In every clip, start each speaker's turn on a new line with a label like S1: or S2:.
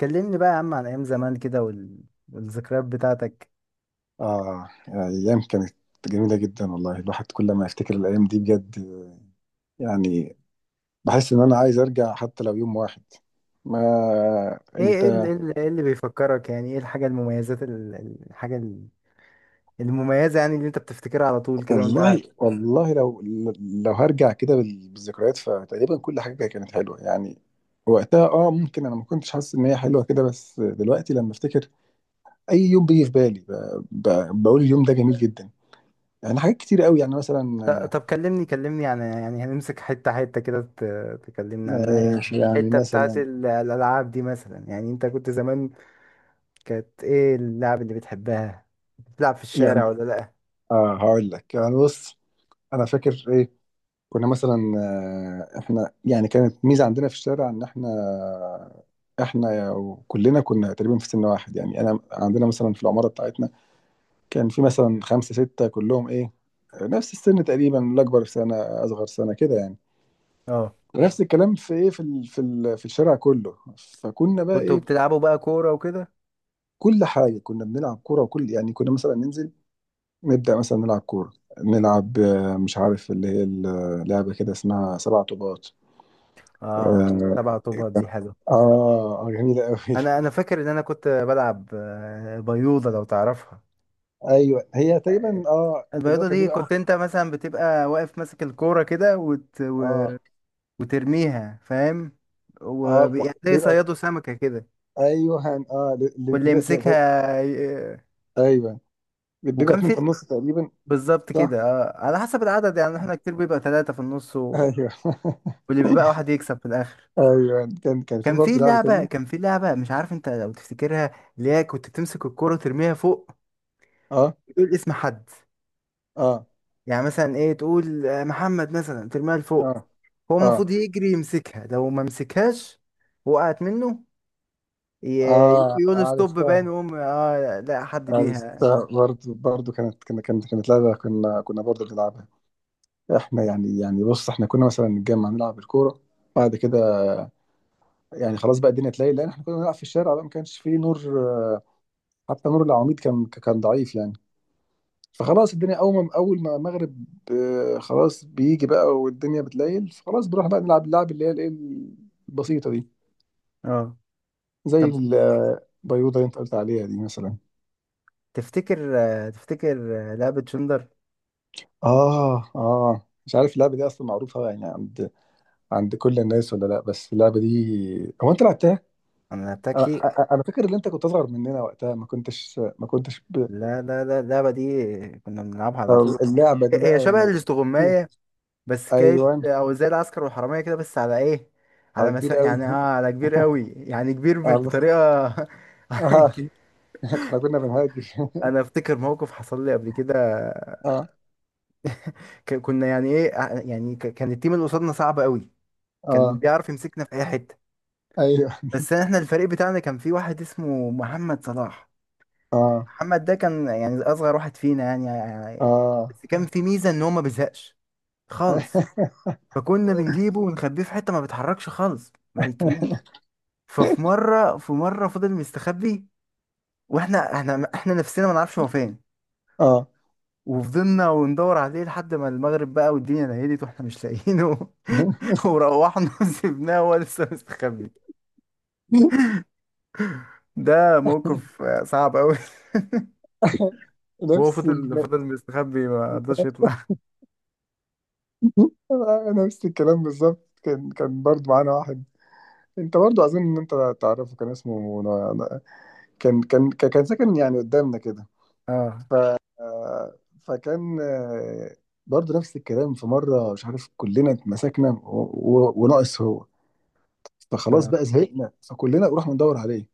S1: كلمني بقى يا عم عن ايام زمان كده والذكريات بتاعتك.
S2: آه يعني أيام كانت جميلة جدا والله، الواحد كل ما يفتكر الأيام دي بجد، يعني بحس إن أنا عايز أرجع حتى لو يوم واحد. ما
S1: ايه ايه
S2: أنت
S1: اللي, إيه اللي بيفكرك؟ يعني ايه الحاجة المميزات، الحاجة المميزة، يعني اللي انت بتفتكرها على طول كده وانت قاعد.
S2: والله والله، لو هرجع كده بالذكريات، فتقريبا كل حاجة كانت حلوة، يعني وقتها ممكن انا ما كنتش حاسس ان هي حلوه كده، بس دلوقتي لما افتكر اي يوم بيجي في بالي بقول اليوم ده جميل جدا. يعني حاجات كتير قوي، يعني مثلا
S1: طب، كلمني عن، يعني هنمسك حتة حتة كده، تكلمنا عنها يعني.
S2: يعني
S1: الحتة بتاعت
S2: مثلا.
S1: الألعاب دي مثلا، يعني انت كنت زمان كانت ايه اللعب اللي بتحبها؟ بتلعب في
S2: يعني
S1: الشارع ولا لأ؟
S2: اه هقول لك، يعني بص، انا فاكر ايه كنا مثلا. احنا يعني كانت ميزه عندنا في الشارع ان احنا كلنا كنا تقريبا في سن واحد، يعني انا عندنا مثلا في العماره بتاعتنا كان في مثلا خمسه سته، كلهم ايه نفس السن تقريبا، الاكبر في سنه اصغر سنه كده يعني.
S1: اه.
S2: مم. ونفس الكلام في ايه، في الشارع كله، فكنا بقى
S1: كنتوا
S2: ايه،
S1: بتلعبوا بقى كورة وكده.
S2: كل حاجه كنا بنلعب كوره، وكل يعني كنا مثلا ننزل نبدا مثلا نلعب كوره، نلعب مش عارف اللي هي اللعبه كده اسمها سبع طوبات.
S1: اه
S2: آه،
S1: طبعا، طوبة دي حلوة.
S2: اه اه، جميلة قوي.
S1: انا فاكر ان انا كنت بلعب بيوضه، لو تعرفها.
S2: ايوه هي تقريبا اللي هو
S1: البيوضه
S2: كان
S1: دي كنت
S2: بيبقى.
S1: انت مثلا بتبقى واقف ماسك الكوره كده،
S2: اه
S1: وترميها، فاهم؟
S2: اه،
S1: ويعني زي
S2: بيبقى.
S1: صيادوا سمكه كده.
S2: ايوه،
S1: واللي
S2: بيبقى
S1: يمسكها
S2: ايوه، بيبقى
S1: وكان
S2: اتنين في
S1: في
S2: النص تقريبا.
S1: بالظبط
S2: صح.
S1: كده، اه على حسب العدد، يعني احنا كتير بيبقى ثلاثه في النص
S2: ايوه
S1: واللي بيبقى واحد يكسب في الاخر.
S2: ايوه، كان في
S1: كان في
S2: برضه لعبة
S1: لعبه،
S2: تانية.
S1: مش عارف انت لو تفتكرها، اللي هي كنت بتمسك الكوره وترميها فوق،
S2: اه
S1: وتقول اسم حد.
S2: اه
S1: يعني مثلا ايه، تقول محمد مثلا، ترميها لفوق.
S2: اه
S1: هو
S2: اه
S1: المفروض يجري يمسكها. لو ما مسكهاش وقعت منه،
S2: اه،
S1: يقول له ستوب
S2: عرفتها
S1: باين، ويقوم لا حد بيها.
S2: عرفتها، برضه برضه كانت لعبة كنا كنا برضه بنلعبها، احنا يعني بص، احنا كنا مثلا نتجمع نلعب الكورة. بعد كده يعني خلاص بقى الدنيا تلاقي، لان احنا كنا بنلعب في الشارع بقى ما كانش فيه نور، آه، حتى نور العواميد كان ضعيف يعني. فخلاص الدنيا اول ما المغرب، خلاص بيجي بقى والدنيا بتليل، فخلاص بنروح بقى نلعب اللعب اللي هي الايه البسيطه دي،
S1: اه.
S2: زي
S1: طب
S2: البيوضه اللي انت قلت عليها دي مثلا.
S1: تفتكر، لعبة جندر؟
S2: اه اه، مش عارف اللعبه دي اصلا معروفه يعني عند كل الناس ولا لا، بس اللعبه دي هو انت لعبتها.
S1: انا لعبتها
S2: انا،
S1: كتير.
S2: أنا فاكر ان انت كنت اصغر مننا وقتها، ما كنتش
S1: لا لا لا، اللعبة دي كنا بنلعبها على طول.
S2: اللعبه دي
S1: هي
S2: بقى
S1: شبه
S2: يعني.
S1: الاستغماية، بس كانت
S2: ايوه،
S1: او زي العسكر والحرامية كده، بس على ايه؟
S2: على كبير قوي.
S1: يعني على كبير قوي، يعني كبير
S2: الله.
S1: بطريقة.
S2: اه
S1: كبير.
S2: احنا كنا بنهاجر
S1: انا افتكر موقف حصل لي قبل كده.
S2: اه
S1: كنا يعني ايه، يعني كان التيم اللي قصادنا صعب قوي. كان
S2: اه،
S1: بيعرف يمسكنا في اي حته.
S2: ايوه،
S1: بس احنا الفريق بتاعنا كان في واحد اسمه محمد صلاح.
S2: اه
S1: محمد ده كان يعني اصغر واحد فينا، يعني.
S2: اه
S1: بس كان في ميزه ان هو ما بيزهقش خالص. فكنا بنجيبه ونخبيه في حته، ما بيتحركش خالص، ما بيتكلمش. ففي مره فضل مستخبي، واحنا احنا احنا نفسنا ما نعرفش هو فين.
S2: اه
S1: وفضلنا وندور عليه لحد ما المغرب بقى والدنيا ليلت واحنا مش لاقيينه. وروحنا وسيبناه وهو لسه مستخبي. ده موقف صعب قوي. وهو
S2: نفس ال...
S1: فضل مستخبي، ما رضاش يطلع.
S2: نفس الكلام بالظبط، كان برضه معانا واحد، انت برضه اظن ان انت تعرفه، كان اسمه كان ساكن يعني قدامنا كده.
S1: اه
S2: ف آه، فكان آه، برضه نفس الكلام، في مره مش عارف كلنا اتمسكنا وناقص هو، فخلاص
S1: اه.
S2: بقى زهقنا، فكلنا نروح ندور عليه،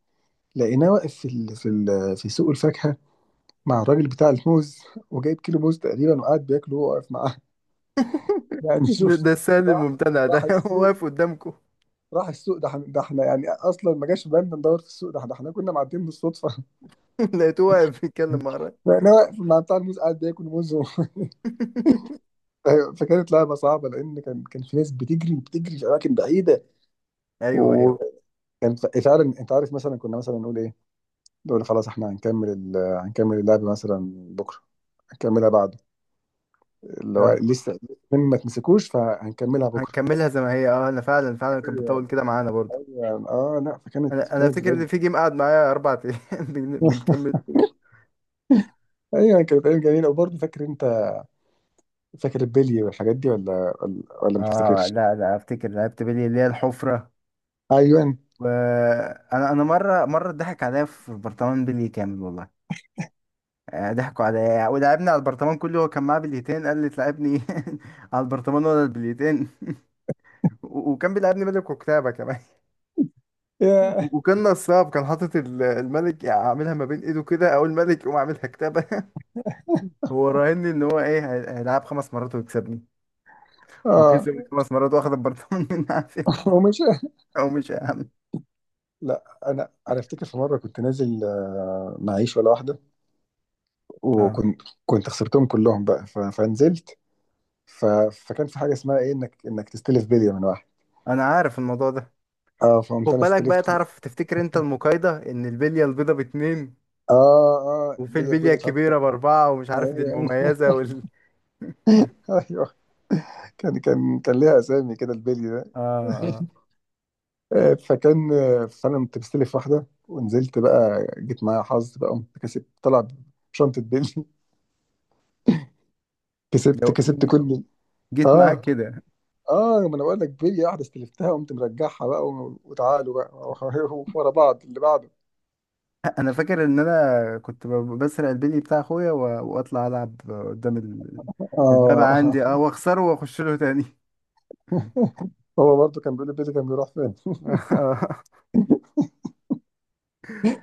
S2: لقيناه واقف في سوق الفاكهه، مع الراجل بتاع الموز، وجايب كيلو موز تقريبا وقاعد بياكله وهو واقف معاه يعني
S1: ده,
S2: شوف،
S1: ده السهل
S2: راح
S1: الممتنع
S2: راح
S1: ده. هو
S2: السوق
S1: واقف قدامكم.
S2: راح السوق. ده احنا يعني اصلا ما جاش في بالنا ندور في السوق، ده احنا كنا معديين بالصدفه
S1: لقيته واقف بيتكلم مع الراجل.
S2: لقيناه واقف مع بتاع الموز قاعد بياكل موز أيوة، فكانت لعبه صعبه، لان كان في ناس بتجري بتجري في اماكن بعيده.
S1: ايوه ايوه.
S2: وكان فعلا، انت عارف مثلا كنا مثلا نقول ايه، دول خلاص احنا هنكمل اللعب مثلا بكره، هنكملها بعده، اللي هو
S1: اه،
S2: لسه ما تمسكوش فهنكملها بكره.
S1: هنكملها زي ما هي. اه انا فعلا كانت
S2: ايوه
S1: بتطول كده معانا برضو.
S2: ايوه، اه لا، فكانت
S1: انا
S2: كانت
S1: افتكر ان
S2: بجد.
S1: في جيم قعد معايا 4 ايام. بنكمل.
S2: ايوه، كانت ايام جميله. وبرضه فاكر البلي والحاجات دي، ولا ما
S1: اه،
S2: تفتكرش؟
S1: لا لا، افتكر لعبت بلي اللي هي الحفرة.
S2: ايوه
S1: وانا مرة اتضحك عليا في برطمان بلي كامل والله. ضحكوا عليا ولعبني على البرطمان كله. هو كان معاه بليتين، قال لي تلعبني على البرطمان ولا البليتين؟ وكان بيلعبني ملك وكتابة كمان.
S2: يا،
S1: وكان نصاب، كان حاطط الملك عاملها ما بين ايده كده، او الملك يقوم عاملها كتابة. هو راهني ان هو ايه، هيلعب 5 مرات ويكسبني.
S2: اه
S1: وكسب 5 مرات واخد البرطمان. من عافية.
S2: ومش
S1: او مش اهم.
S2: لا، انا افتكر في مره كنت نازل معيش ولا واحده،
S1: اه،
S2: وكنت خسرتهم كلهم بقى، فنزلت ف... فكان في حاجه اسمها ايه، انك تستلف بليه من واحد.
S1: انا عارف الموضوع ده.
S2: اه، فهمت،
S1: خد
S2: انا
S1: بالك بقى،
S2: استلفت.
S1: تعرف تفتكر انت المقايضة ان البلية البيضة باتنين؟
S2: اه اه،
S1: وفي
S2: بلي
S1: البلية
S2: بلي، مش عارف
S1: الكبيرة باربعة، ومش عارف دي
S2: ايوه
S1: المميزة،
S2: ايوه، كان ليها اسامي كده البلي ده.
S1: اه اه.
S2: آه، فكان آه، فانا كنت مستلف واحده ونزلت بقى، جيت معايا حظ بقى، قمت كسبت طلع شنطه بلي كسبت
S1: لو
S2: كسبت كل.
S1: جيت معاك
S2: اه
S1: كده.
S2: اه، ما انا بقول لك بلي واحده استلفتها، قمت مرجعها بقى وتعالوا بقى ورا بعض اللي بعده.
S1: انا فاكر ان انا كنت بسرق البلي بتاع اخويا، واطلع العب قدام الباب عندي،
S2: اه
S1: اه، واخسره واخش له تاني.
S2: هو برضه كان بيقول لي بيتي كان بيروح فين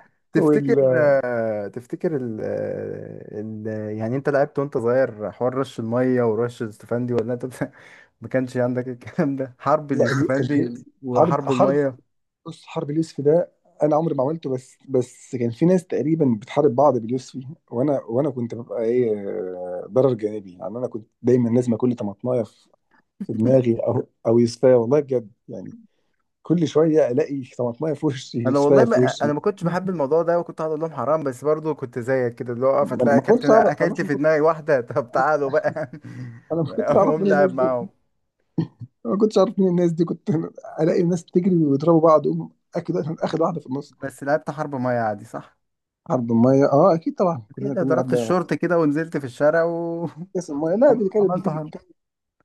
S1: تفتكر،
S2: وال
S1: يعني انت لعبت وانت صغير حوار رش الميه ورش الاستفندي، ولا انت ما كانش عندك الكلام ده، حرب
S2: لا،
S1: اليوستفندي
S2: ال- حرب
S1: وحرب
S2: حرب
S1: الميه؟
S2: بص، حرب اليوسف ده انا عمري ما عملته، بس كان في ناس تقريبا بتحارب بعض باليوسفي. وانا كنت ببقى ايه، ضرر جانبي يعني. انا كنت دايما لازم كل طماطمايه في دماغي او يوسفيه، والله بجد يعني، كل شويه الاقي طماطمايه في وشي
S1: انا والله
S2: يوسفيه في وشي.
S1: ما كنتش بحب الموضوع ده، وكنت هقول لهم حرام، بس برضو كنت زيك كده، اللي هو اقف
S2: ما انا
S1: هتلاقي
S2: ما
S1: اكلت
S2: كنتش اعرف،
S1: اكلت في دماغي واحده. طب تعالوا بقى.
S2: انا ما كنتش اعرف
S1: اقوم
S2: مين الناس
S1: لعب
S2: دي،
S1: معاهم.
S2: أنا ما كنتش اعرف مين الناس دي كنت الاقي الناس بتجري ويضربوا بعض، اقوم اكيد اخد واحده في النص.
S1: بس لعبت حرب ميه عادي، صح؟
S2: عرض الميه، اه اكيد طبعا، كلنا
S1: كده
S2: كلنا
S1: ضربت
S2: قبل
S1: الشورت كده ونزلت في الشارع
S2: كاس الميه. لا، دي كانت
S1: وعملت
S2: بتيجي
S1: حرب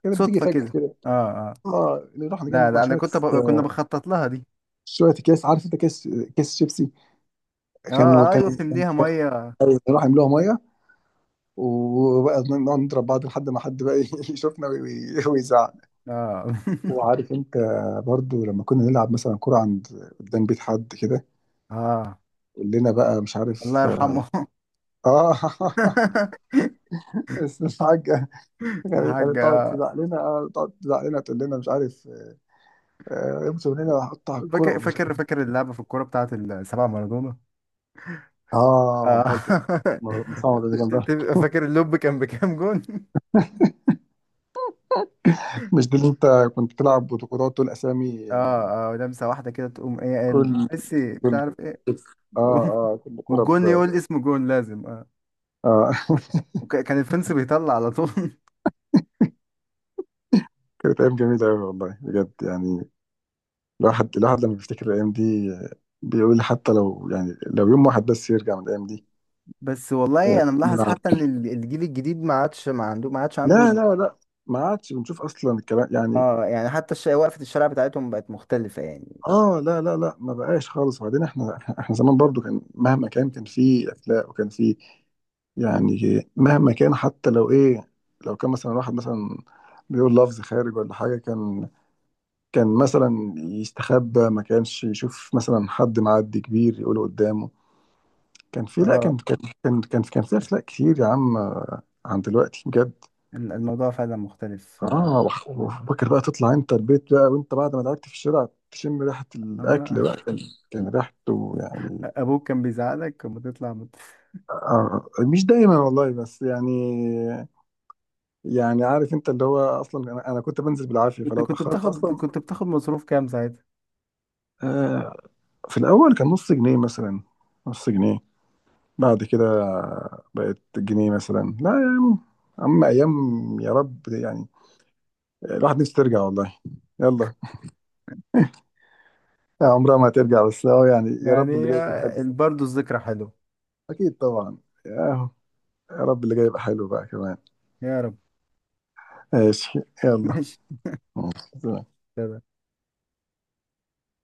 S2: كانت بتيجي
S1: صدفه
S2: فجأة
S1: كده.
S2: كده.
S1: اه. آه.
S2: اه نروح
S1: لا
S2: نجمع
S1: لا، انا
S2: شوية،
S1: كنا بنخطط لها دي.
S2: شوية اكياس، عارف انت، كيس، كيس شيبسي. كانوا
S1: اه
S2: كان
S1: ايوه،
S2: كان
S1: بتمليها
S2: كان-
S1: ميه. اه.
S2: نروح نملوها مية، وبقى نقعد نضرب بعض لحد ما حد بقى يشوفنا ويزعق. وعارف انت، برضو لما كنا نلعب مثلا كرة قدام بيت حد كده،
S1: اه،
S2: كلنا بقى مش عارف.
S1: الله يرحمه.
S2: اه بس الحاجة كانت
S1: حاجة.
S2: كانت تقعد
S1: آه.
S2: تزعق لنا، تقول لنا مش عارف، امسك من هنا وهقطع الكرة
S1: فاكر اللعبة في الكورة بتاعت السبعة مارادونا.
S2: اه
S1: اه.
S2: برضو، محمد اللي جنبها،
S1: فاكر اللوب كان بكام جون؟
S2: مش دول انت كنت بتلعب بطولات والاسامي.
S1: اه اه، لمسة واحدة كده تقوم ايه، قال
S2: كل
S1: ميسي مش
S2: كل
S1: عارف ايه.
S2: اه اه،
S1: والجون يقول اسم جون لازم. اه.
S2: اه
S1: وكان الفنس بيطلع على طول.
S2: كانت ايام جميلة قوي، والله بجد يعني، الواحد لما بيفتكر الايام دي بيقول حتى لو، يعني لو يوم واحد بس يرجع من الايام دي
S1: بس والله انا ملاحظ
S2: نلعب.
S1: حتى ان الجيل الجديد ما عادش عنده.
S2: لا لا لا، ما عادش بنشوف اصلا الكلام يعني.
S1: اه، يعني حتى وقفة الشارع بتاعتهم بقت مختلفة يعني.
S2: اه لا لا لا، ما بقاش خالص. وبعدين احنا زمان برضو، كان مهما كان، كان في اخلاق، وكان في يعني مهما كان حتى لو ايه، لو كان مثلا واحد مثلا بيقول لفظ خارج ولا حاجة، كان كان مثلا يستخبى، ما كانش يشوف مثلا حد معدي كبير يقوله قدامه. كان في لا،
S1: اه،
S2: كان في أخلاق كتير يا عم، عن دلوقتي بجد.
S1: الموضوع فعلا مختلف.
S2: اه
S1: مم.
S2: وفاكر بقى تطلع انت البيت بقى وانت بعد ما لعبت في الشارع تشم ريحة
S1: آه.
S2: الأكل بقى، كان ريحته يعني.
S1: ابوك كان بيزعلك لما تطلع.
S2: آه مش دايما والله، بس يعني، يعني عارف انت، اللي هو اصلا انا كنت بنزل بالعافيه،
S1: كنت
S2: فلو
S1: كنت
S2: اتاخرت
S1: بتاخد
S2: اصلا.
S1: كنت بتاخد مصروف كام ساعتها؟
S2: آه، في الاول كان نص جنيه مثلا، نص جنيه، بعد كده بقت جنيه مثلا. لا يا عم، اما ايام. يا رب يعني الواحد نفسه ترجع والله. يلا، عمرها ما هترجع، بس يعني يا رب اللي
S1: يعني
S2: جاي يكون حلو.
S1: برضه الذكرى حلوة.
S2: اكيد طبعا. يا يا رب اللي جاي يبقى حلو بقى كمان.
S1: يا رب.
S2: ماشي.
S1: ماشي.
S2: يلا